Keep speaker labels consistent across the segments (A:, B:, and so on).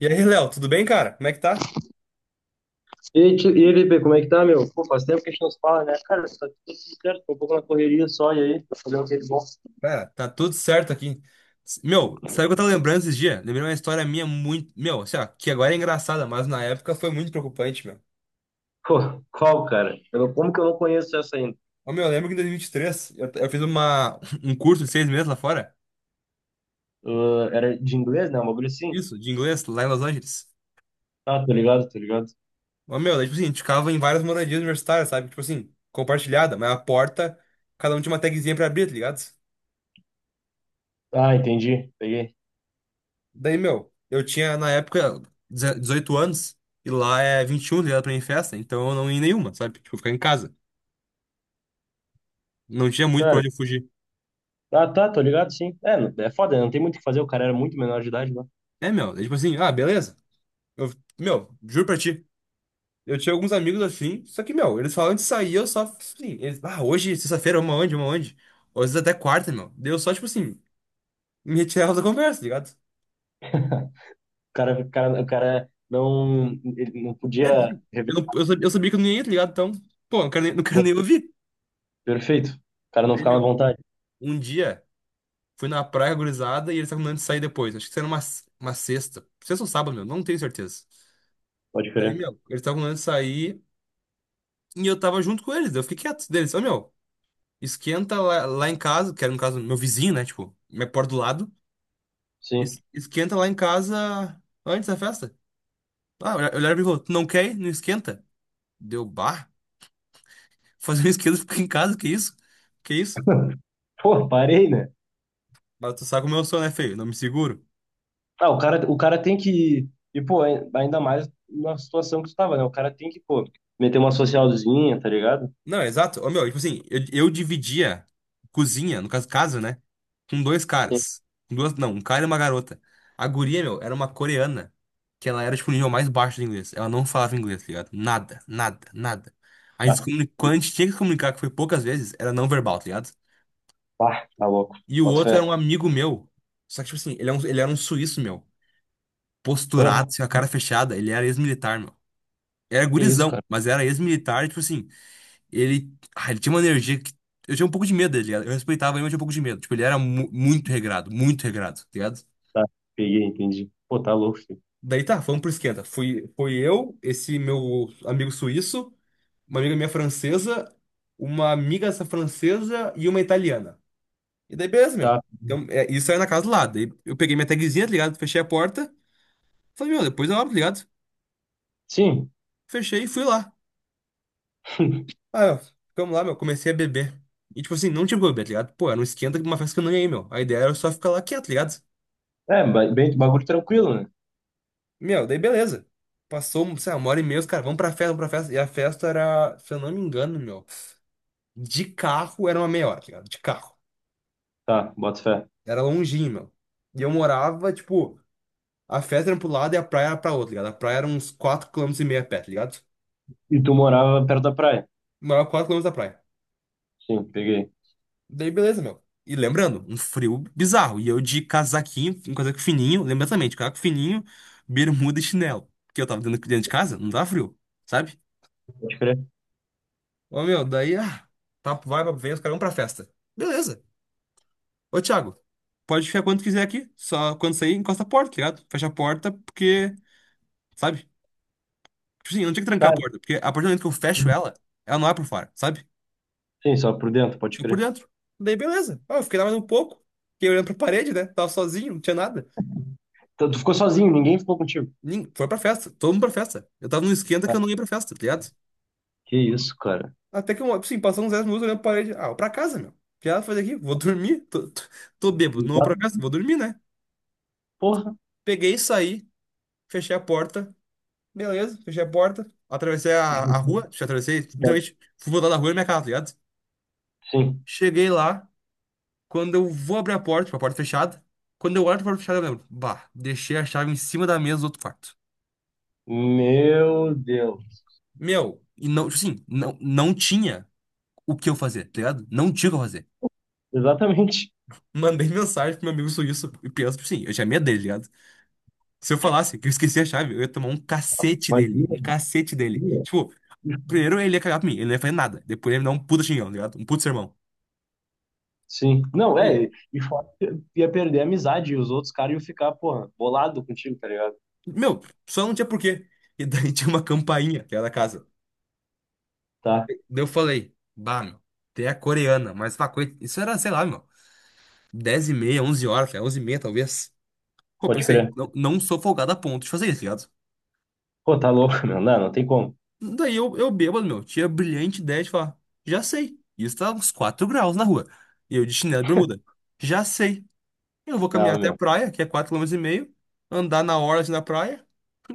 A: E aí, Léo, tudo bem, cara? Como é que tá?
B: E aí, Lipe, como é que tá, meu? Pô, faz tempo que a gente não se fala, né? Cara, tá tudo certo, tô um pouco na correria só, e aí? Tá fazendo o que de bom?
A: Cara, tá tudo certo aqui. Meu, sabe o que eu tava lembrando esses dias? Lembrei uma história minha muito. Meu, assim, ó, que agora é engraçada, mas na época foi muito preocupante, meu.
B: Pô, qual, cara? Eu, não- Como que eu não conheço essa ainda?
A: Ó, meu, eu lembro que em 2023 eu fiz um curso de 6 meses lá fora.
B: Ah, era de inglês, né? Um bagulho assim?
A: Isso, de inglês, lá em Los Angeles.
B: Ah, tô ligado, tô ligado.
A: Ó, meu, daí, tipo assim, a gente ficava em várias moradias universitárias, sabe? Tipo assim, compartilhada, mas a porta, cada um tinha uma tagzinha pra abrir, tá ligado?
B: Ah, entendi, peguei.
A: Daí, meu, eu tinha na época 18 anos e lá é 21, tá ligado pra ir em festa, então eu não ia em nenhuma, sabe? Tipo, ficar em casa. Não tinha muito pra
B: Cara,
A: onde eu fugir.
B: ah, tá, tô ligado, sim. É foda, né? Não tem muito o que fazer, o cara era muito menor de idade, né? O
A: É, meu, é tipo assim, ah, beleza. Eu, meu, juro pra ti. Eu tinha alguns amigos assim, só que, meu, eles falam de sair, eu só, assim, eles, ah, hoje, sexta-feira, uma onde, uma onde? Ou às vezes até quarta, meu. Daí eu só, tipo assim, me retirava da conversa, tá ligado?
B: cara não, ele não
A: É, tipo
B: podia
A: assim, eu,
B: revelar.
A: não- eu sabia que eu não ia, tá ligado? Então, pô, não quero nem, não quero
B: Pô,
A: nem ouvir.
B: perfeito. O cara não
A: Daí,
B: ficava à
A: meu,
B: vontade,
A: um dia. Fui na praia, gurizada, e eles estavam combinando de sair depois. Acho que era uma sexta. Sexta ou sábado, meu, não tenho certeza.
B: pode
A: Daí,
B: crer.
A: meu, eles estavam combinando de sair e eu tava junto com eles. Daí eu fiquei quieto deles. Ô, meu, esquenta lá, lá em casa, que era no caso meu vizinho, né? Tipo, minha porta do lado.
B: Sim.
A: Esquenta lá em casa antes da festa. Ah, eu olhava pra mim e falou: "Tu não quer ir? Não esquenta? Deu bar? Fazer um esquenta, fica em casa, que isso? Que isso?"
B: Pô, parei, né?
A: Mas tu sabe como eu sou, né, feio? Não me seguro.
B: Ah, o cara tem que. E, pô, ainda mais na situação que tu tava, né? O cara tem que, pô, meter uma socialzinha, tá ligado?
A: Não, exato. Ô, meu, tipo assim, eu dividia cozinha, no caso, casa, né? Com dois
B: Sim.
A: caras. Com duas, não, um cara e uma garota. A guria, meu, era uma coreana, que ela era, tipo, o nível mais baixo de inglês. Ela não falava inglês, tá ligado? Nada, nada, nada. A gente, se
B: Ah,
A: comuni- quando a gente tinha que se comunicar, que foi poucas vezes, era não verbal, tá ligado?
B: pá, tá louco.
A: E o
B: Bota
A: outro era
B: fé.
A: um amigo meu. Só que, tipo assim, ele era um suíço, meu. Posturado,
B: Ah,
A: assim, com a cara fechada. Ele era ex-militar, meu. Era
B: que isso,
A: gurizão,
B: cara.
A: mas era ex-militar, tipo assim. Ele tinha uma energia que. Eu tinha um pouco de medo dele, ligado? Eu respeitava ele, mas tinha um pouco de medo. Tipo, ele era muito regrado, tá ligado?
B: Tá, peguei, entendi. Pô, tá louco, filho.
A: Daí tá, vamos pro esquenta. Fui, foi eu, esse meu amigo suíço, uma amiga minha francesa, uma amiga essa francesa e uma italiana. E daí, beleza, meu.
B: Tá.
A: Então, é, isso aí é na casa do lado. Daí eu peguei minha tagzinha, tá ligado? Fechei a porta. Falei, meu, depois eu abro, tá ligado?
B: Sim.
A: Fechei e fui lá. Ah, meu, ficamos lá, meu. Comecei a beber. E, tipo assim, não tinha como beber, tá ligado? Pô, era um esquenta de uma festa que eu não ia ir, meu. A ideia era só ficar lá quieto, tá ligado?
B: É, bem, bagulho tranquilo, né?
A: Meu, daí beleza. Passou, sei lá, uma hora e meia, os caras, vamos pra festa, vamos pra festa. E a festa era, se eu não me engano, meu, de carro era uma meia hora, tá ligado? De carro.
B: Tá, bota fé.
A: Era longinho, meu. E eu morava, tipo, a festa era pro lado e a praia era pra outro, tá ligado? A praia era uns 4 quilômetros e meio a pé, tá ligado?
B: E tu morava perto da praia?
A: Morava 4 quilômetros da praia.
B: Sim, peguei.
A: Daí beleza, meu. E lembrando, um frio bizarro. E eu de casaquinho, um casaco fininho, lembra também, de casaco fininho, bermuda e chinelo. Porque eu tava dentro, dentro de casa, não tava frio, sabe?
B: Pode crer.
A: Ô, meu, daí, ah, tá, vai, vem os caras vão pra festa. Beleza. Ô, Thiago, pode ficar quando quiser aqui. Só quando sair, encosta a porta, tá ligado? Fecha a porta, porque, sabe? Tipo assim, eu não tinha que trancar
B: Tá.
A: a porta, porque a partir do momento que eu fecho ela, ela não é por fora, sabe?
B: Sim, só por dentro, pode
A: Só por
B: crer.
A: dentro. Daí, beleza. Ah, eu fiquei lá mais um pouco, fiquei olhando pra parede, né? Tava sozinho, não tinha nada.
B: Então, tu ficou sozinho, ninguém ficou contigo.
A: Foi pra festa, todo mundo pra festa. Eu tava num esquenta
B: Ah,
A: que eu não ia pra festa, tá ligado?
B: que isso, cara.
A: Até que, eu, tipo assim, passou uns 10 minutos olhando pra parede. Ah, vou pra casa, meu. O que ela faz aqui? Vou dormir. Tô bêbado, não vou pra
B: Exato.
A: casa, vou dormir, né?
B: Porra.
A: Peguei e saí. Fechei a porta. Beleza, fechei a porta. Atravessei a rua. Deixa eu atravessei. Literalmente, fui voltar da rua e minha casa, tá ligado?
B: Sim.
A: Cheguei lá. Quando eu vou abrir a porta, tipo, a porta fechada. Quando eu olho pra porta fechada, eu lembro. Bah, deixei a chave em cima da mesa do outro quarto.
B: Meu Deus.
A: Meu, e não, tipo assim, não tinha o que eu fazer, tá ligado? Não tinha o que eu fazer.
B: Exatamente.
A: Mandei mensagem pro meu amigo suíço e penso, tipo assim, eu tinha medo dele, tá ligado? Se eu falasse que eu esqueci a chave, eu ia tomar um cacete dele.
B: Imagina.
A: Um cacete dele.
B: Imagina.
A: Tipo, primeiro ele ia cagar pra mim, ele não ia fazer nada. Depois ele ia me dar um puta xingão, tá ligado? Um puta sermão.
B: Sim. Não, é. E
A: E,
B: e fora que ia perder a amizade e os outros caras iam ficar, porra, bolado contigo, tá ligado?
A: meu, só não tinha porquê. E daí tinha uma campainha que era da casa.
B: Tá,
A: Daí eu falei, bah, meu, tem a coreana, mas pá, isso era, sei lá, meu, 10 e meia, 11 horas, cara, 11h30 talvez. Pô,
B: pode
A: pensei,
B: crer.
A: não, não sou folgado a ponto de fazer isso, tá ligado?
B: Pô, tá louco, meu. Não, não tem como.
A: Daí eu bêbado, meu, tinha a brilhante ideia de falar, já sei, isso tá uns 4 graus na rua. E eu de chinelo e bermuda, já sei, eu vou caminhar
B: Não,
A: até a
B: meu.
A: praia, que é quatro km e meio, andar na hora assim na praia,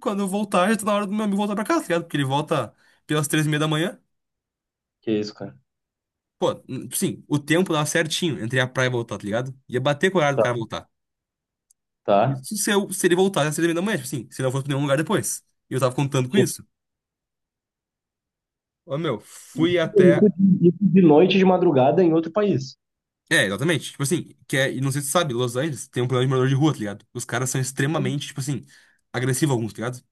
A: quando eu voltar, já tá na hora do meu amigo voltar pra casa, tá ligado? Porque ele volta pelas 3h30 da manhã.
B: Que isso, cara.
A: Pô, sim, o tempo dava certinho entre a praia e voltar, tá ligado? Ia bater com o horário do
B: Tá.
A: cara voltar.
B: Tá.
A: Isso se, eu, se ele voltasse às 6 da manhã, tipo assim, se não fosse pra nenhum lugar depois. E eu tava contando com
B: Isso
A: isso. Ô, meu, fui até.
B: isso de noite, de madrugada, em outro país.
A: É, exatamente. Tipo assim, que é, e não sei se tu sabe, Los Angeles tem um problema de morador de rua, tá ligado? Os caras são extremamente, tipo assim, agressivos alguns, tá ligado?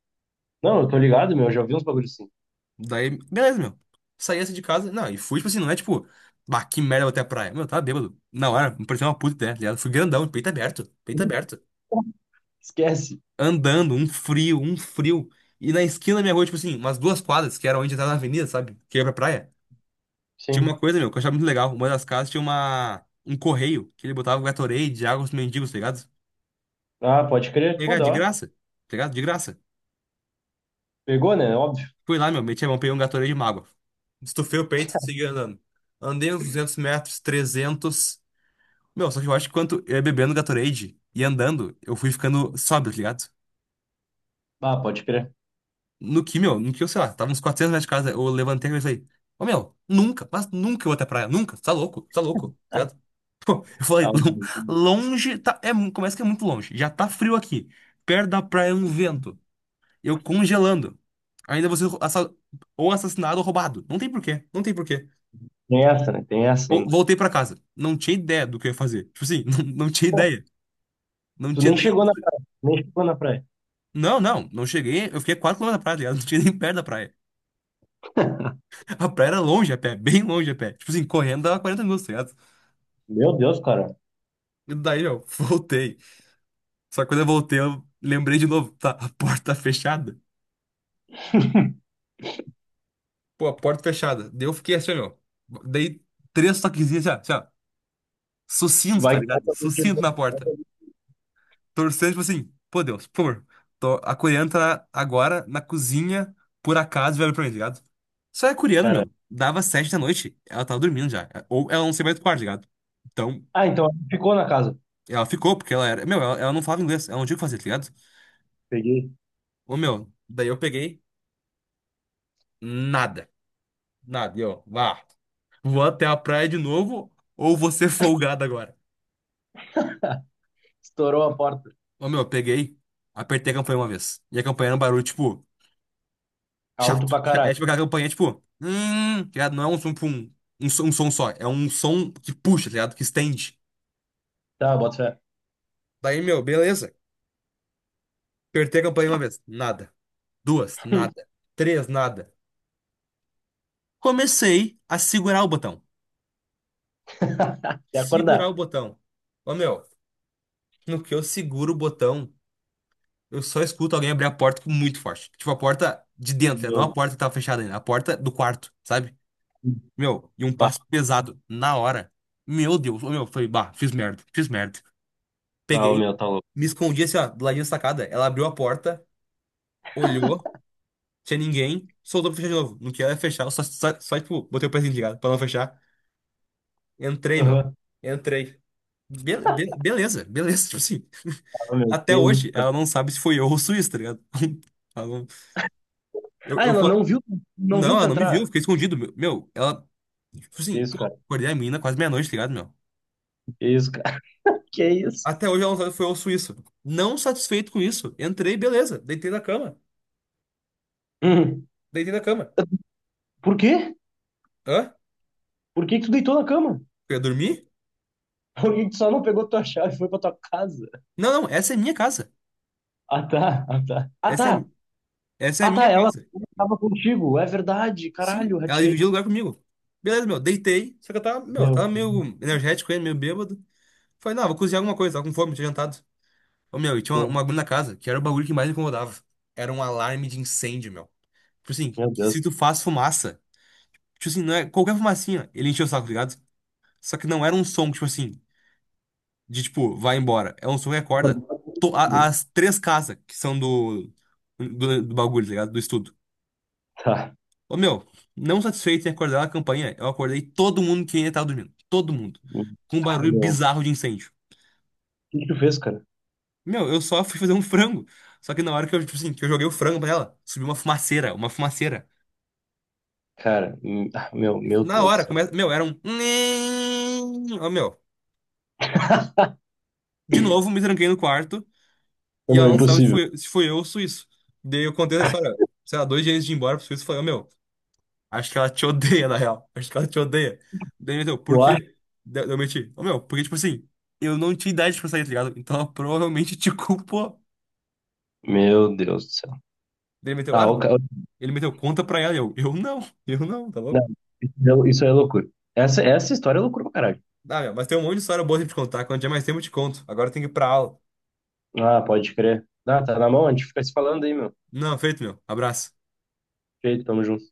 B: Não, eu tô ligado, meu. Eu já vi uns bagulhos assim.
A: Daí, beleza, meu. Saí assim de casa, não, e fui, tipo assim, não é tipo, bah, que merda, vou até a praia. Meu, eu tava bêbado. Na hora, me parecia uma puta ideia, tá ligado? Fui grandão, peito aberto, peito aberto.
B: Esquece.
A: Andando, um frio, um frio. E na esquina da minha rua, tipo assim, umas 2 quadras, que era onde entrava na avenida, sabe? Que ia pra praia. Tinha uma
B: Sim.
A: coisa, meu, que eu achava muito legal. Uma das casas tinha um correio, que ele botava Gatorade, água pros mendigos, tá ligado?
B: Ah, pode crer. Pô,
A: Pegar
B: da
A: de
B: hora.
A: graça, tá ligado? De graça.
B: Pegou, né? Óbvio.
A: Fui lá, meu, meti a mão, peguei um Gatorade de mágoa. Estufei o peito, segui andando. Andei uns 200 metros, 300. Meu, só que eu acho que quanto eu ia bebendo Gatorade e andando, eu fui ficando sóbrio, tá ligado?
B: Ah, pode crer.
A: No que, meu, no que eu, sei lá, tava uns 400 metros de casa, eu levantei e falei, ô meu, nunca, mas nunca eu vou até a praia, nunca, tá louco, tá louco, tá ligado? Pô, eu falei,
B: Ah,
A: Longe, tá, é, começa que é muito longe, já tá frio aqui, perto da praia é um vento, eu congelando, ainda você ou assassinado ou roubado, não tem porquê, não tem porquê."
B: tem essa, né? Tem essa ainda.
A: Voltei pra casa, não tinha ideia do que eu ia fazer, tipo assim, não, não tinha ideia, não
B: Tu
A: tinha
B: nem
A: nem.
B: chegou na praia. Nem chegou na praia.
A: Não, não, não cheguei, eu fiquei quatro km da praia, tá ligado? Não tinha nem perto da praia. A praia era longe a pé, bem longe a pé. Tipo assim, correndo dava 40 minutos, tá ligado?
B: Meu Deus, cara.
A: E daí, ó, voltei. Só que quando eu voltei, eu lembrei de novo, tá, a porta tá fechada. Pô, a porta fechada. Daí eu fiquei assim, ó. Meu. Dei três toquezinhos, assim, ó. Assim, ó. Sucinto,
B: Vai,
A: tá
B: vai
A: ligado?
B: que alguém
A: Sucinto
B: chegou.
A: na
B: Vai que
A: porta.
B: alguém-
A: Torcendo, tipo assim, pô, Deus, por favor. Tô, a coreana tá agora na cozinha, por acaso, velho pra mim, tá ligado? Só é coreano,
B: Cara.
A: meu. Dava 7 da noite, ela tava dormindo já. Ou ela não sei mais do quarto, tá ligado? Então,
B: Ah, então ficou na casa.
A: ela ficou, porque ela era. Meu, ela não falava inglês, ela não tinha o que fazer, tá ligado?
B: Peguei.
A: Ô, meu, daí eu peguei nada. Nada. E eu, vá, vou até a praia de novo, ou vou ser folgado agora.
B: Estourou a porta.
A: Ô, meu, eu peguei, apertei a campanha uma vez. E a campanha era um barulho, tipo,
B: Alto
A: chato.
B: pra caralho.
A: É tipo aquela campanha, tipo, tá ligado? Não é um som, tipo, um som só. É um som que puxa, tá ligado? Que estende.
B: Tá, bota fé.
A: Daí, meu, beleza. Apertei a campanha uma vez. Nada. Duas, nada. Três, nada. Comecei a segurar o botão,
B: Até
A: segurar
B: acordar.
A: o botão. Ô, meu, no que eu seguro o botão, eu só escuto alguém abrir a porta com muito forte. Tipo, a porta de dentro, né? Não a
B: Meu
A: porta que tava fechada ainda, a porta do quarto, sabe?
B: Deus.
A: Meu, e um
B: Bah,
A: passo pesado na hora. Meu Deus, ô, meu, foi, bah, fiz merda, fiz merda.
B: ah, o
A: Peguei,
B: meu, tá louco.
A: me escondi assim, ó, do ladinho da sacada. Ela abriu a porta, olhou, tinha ninguém, soltou pra fechar de novo. No que ela ia fechar, eu só, tipo, botei o pezinho de gato pra não fechar. Entrei, meu,
B: Aham.
A: entrei. Beleza, beleza, tipo assim.
B: Ah, ô, meu, que
A: Até hoje,
B: isso, cara.
A: ela não sabe se foi eu ou o Suíço, tá ligado? Ela não- Eu,
B: Ah,
A: eu
B: ela
A: falo.
B: não viu, não
A: Não,
B: viu tu
A: ela não me viu, eu
B: entrar.
A: fiquei escondido. Meu, ela. Tipo
B: Que
A: assim,
B: isso,
A: pô,
B: cara.
A: acordei a mina quase meia-noite, tá ligado, meu?
B: Que isso, cara. Que isso?
A: Até hoje ela não sabe se foi eu ou o Suíço. Não satisfeito com isso, entrei, beleza. Deitei na cama.
B: Hum.
A: Deitei na cama.
B: Por quê?
A: Hã?
B: Por que que tu deitou na cama?
A: Eu ia dormir?
B: Por que que tu só não pegou tua chave e foi pra tua casa?
A: Não, não, essa é minha casa.
B: Ah, tá. Ah, tá. Ah,
A: Essa
B: tá.
A: é, essa é a
B: Ah,
A: minha
B: tá, ela
A: casa.
B: estava contigo. É verdade,
A: Sim,
B: caralho,
A: ela
B: ratei.
A: dividiu lugar comigo. Beleza, meu, deitei. Só que eu tava, meu, eu
B: Meu,
A: tava meio energético ainda, meio bêbado. Falei, não, vou cozinhar alguma coisa, tava com fome, tinha jantado. Ô, meu, e tinha um
B: sim,
A: bagulho na casa, que era o bagulho que mais me incomodava. Era um alarme de incêndio, meu. Tipo assim,
B: meu Deus.
A: se tu faz fumaça, tipo assim, não é qualquer fumacinha, ele encheu o saco, tá ligado? Só que não era um som, tipo assim, de tipo, vai embora. É um som que acorda as três casas que são do bagulho, tá ligado? Do estudo.
B: Tá.
A: Ô, meu, não satisfeito em acordar na campanha, eu acordei todo mundo que ainda tava dormindo. Todo mundo. Com um
B: Ah,
A: barulho
B: meu. O
A: bizarro de incêndio.
B: que que tu fez, cara?
A: Meu, eu só fui fazer um frango. Só que na hora que eu, tipo assim, que eu joguei o frango pra ela, subiu uma fumaceira, uma fumaceira.
B: Cara, ah, meu
A: Na
B: Deus do
A: hora,
B: céu.
A: começa. Meu, era um. Ó, meu. De novo, me tranquei no quarto e
B: Meu,
A: ela
B: é
A: não sabe se
B: impossível.
A: foi, se foi eu ou o Suíço. Daí eu contei essa história, sei lá, dois dias antes de ir embora pro Suíço, eu falei, ô, meu, acho que ela te odeia, na real. Acho que ela te odeia. Daí ele meteu, por
B: Tu acha?
A: quê? Daí eu meti, ô, meu, porque, tipo assim, eu não tinha idade pra sair, tá ligado? Então ela provavelmente te culpou.
B: Meu Deus do céu.
A: Daí ele meteu,
B: Ah,
A: ah,
B: o
A: meu.
B: ca-
A: Ele meteu, conta pra ela. E eu não, tá
B: Não,
A: louco?
B: isso é loucura. Essa história é loucura pra caralho.
A: Dá, meu, mas tem um monte de história boa pra te contar. Quando tiver mais tempo, eu te conto. Agora eu tenho que ir pra aula.
B: Ah, pode crer. Ah, tá na mão, a gente fica se falando aí, meu.
A: Não, feito, meu. Abraço.
B: Feito, tamo junto.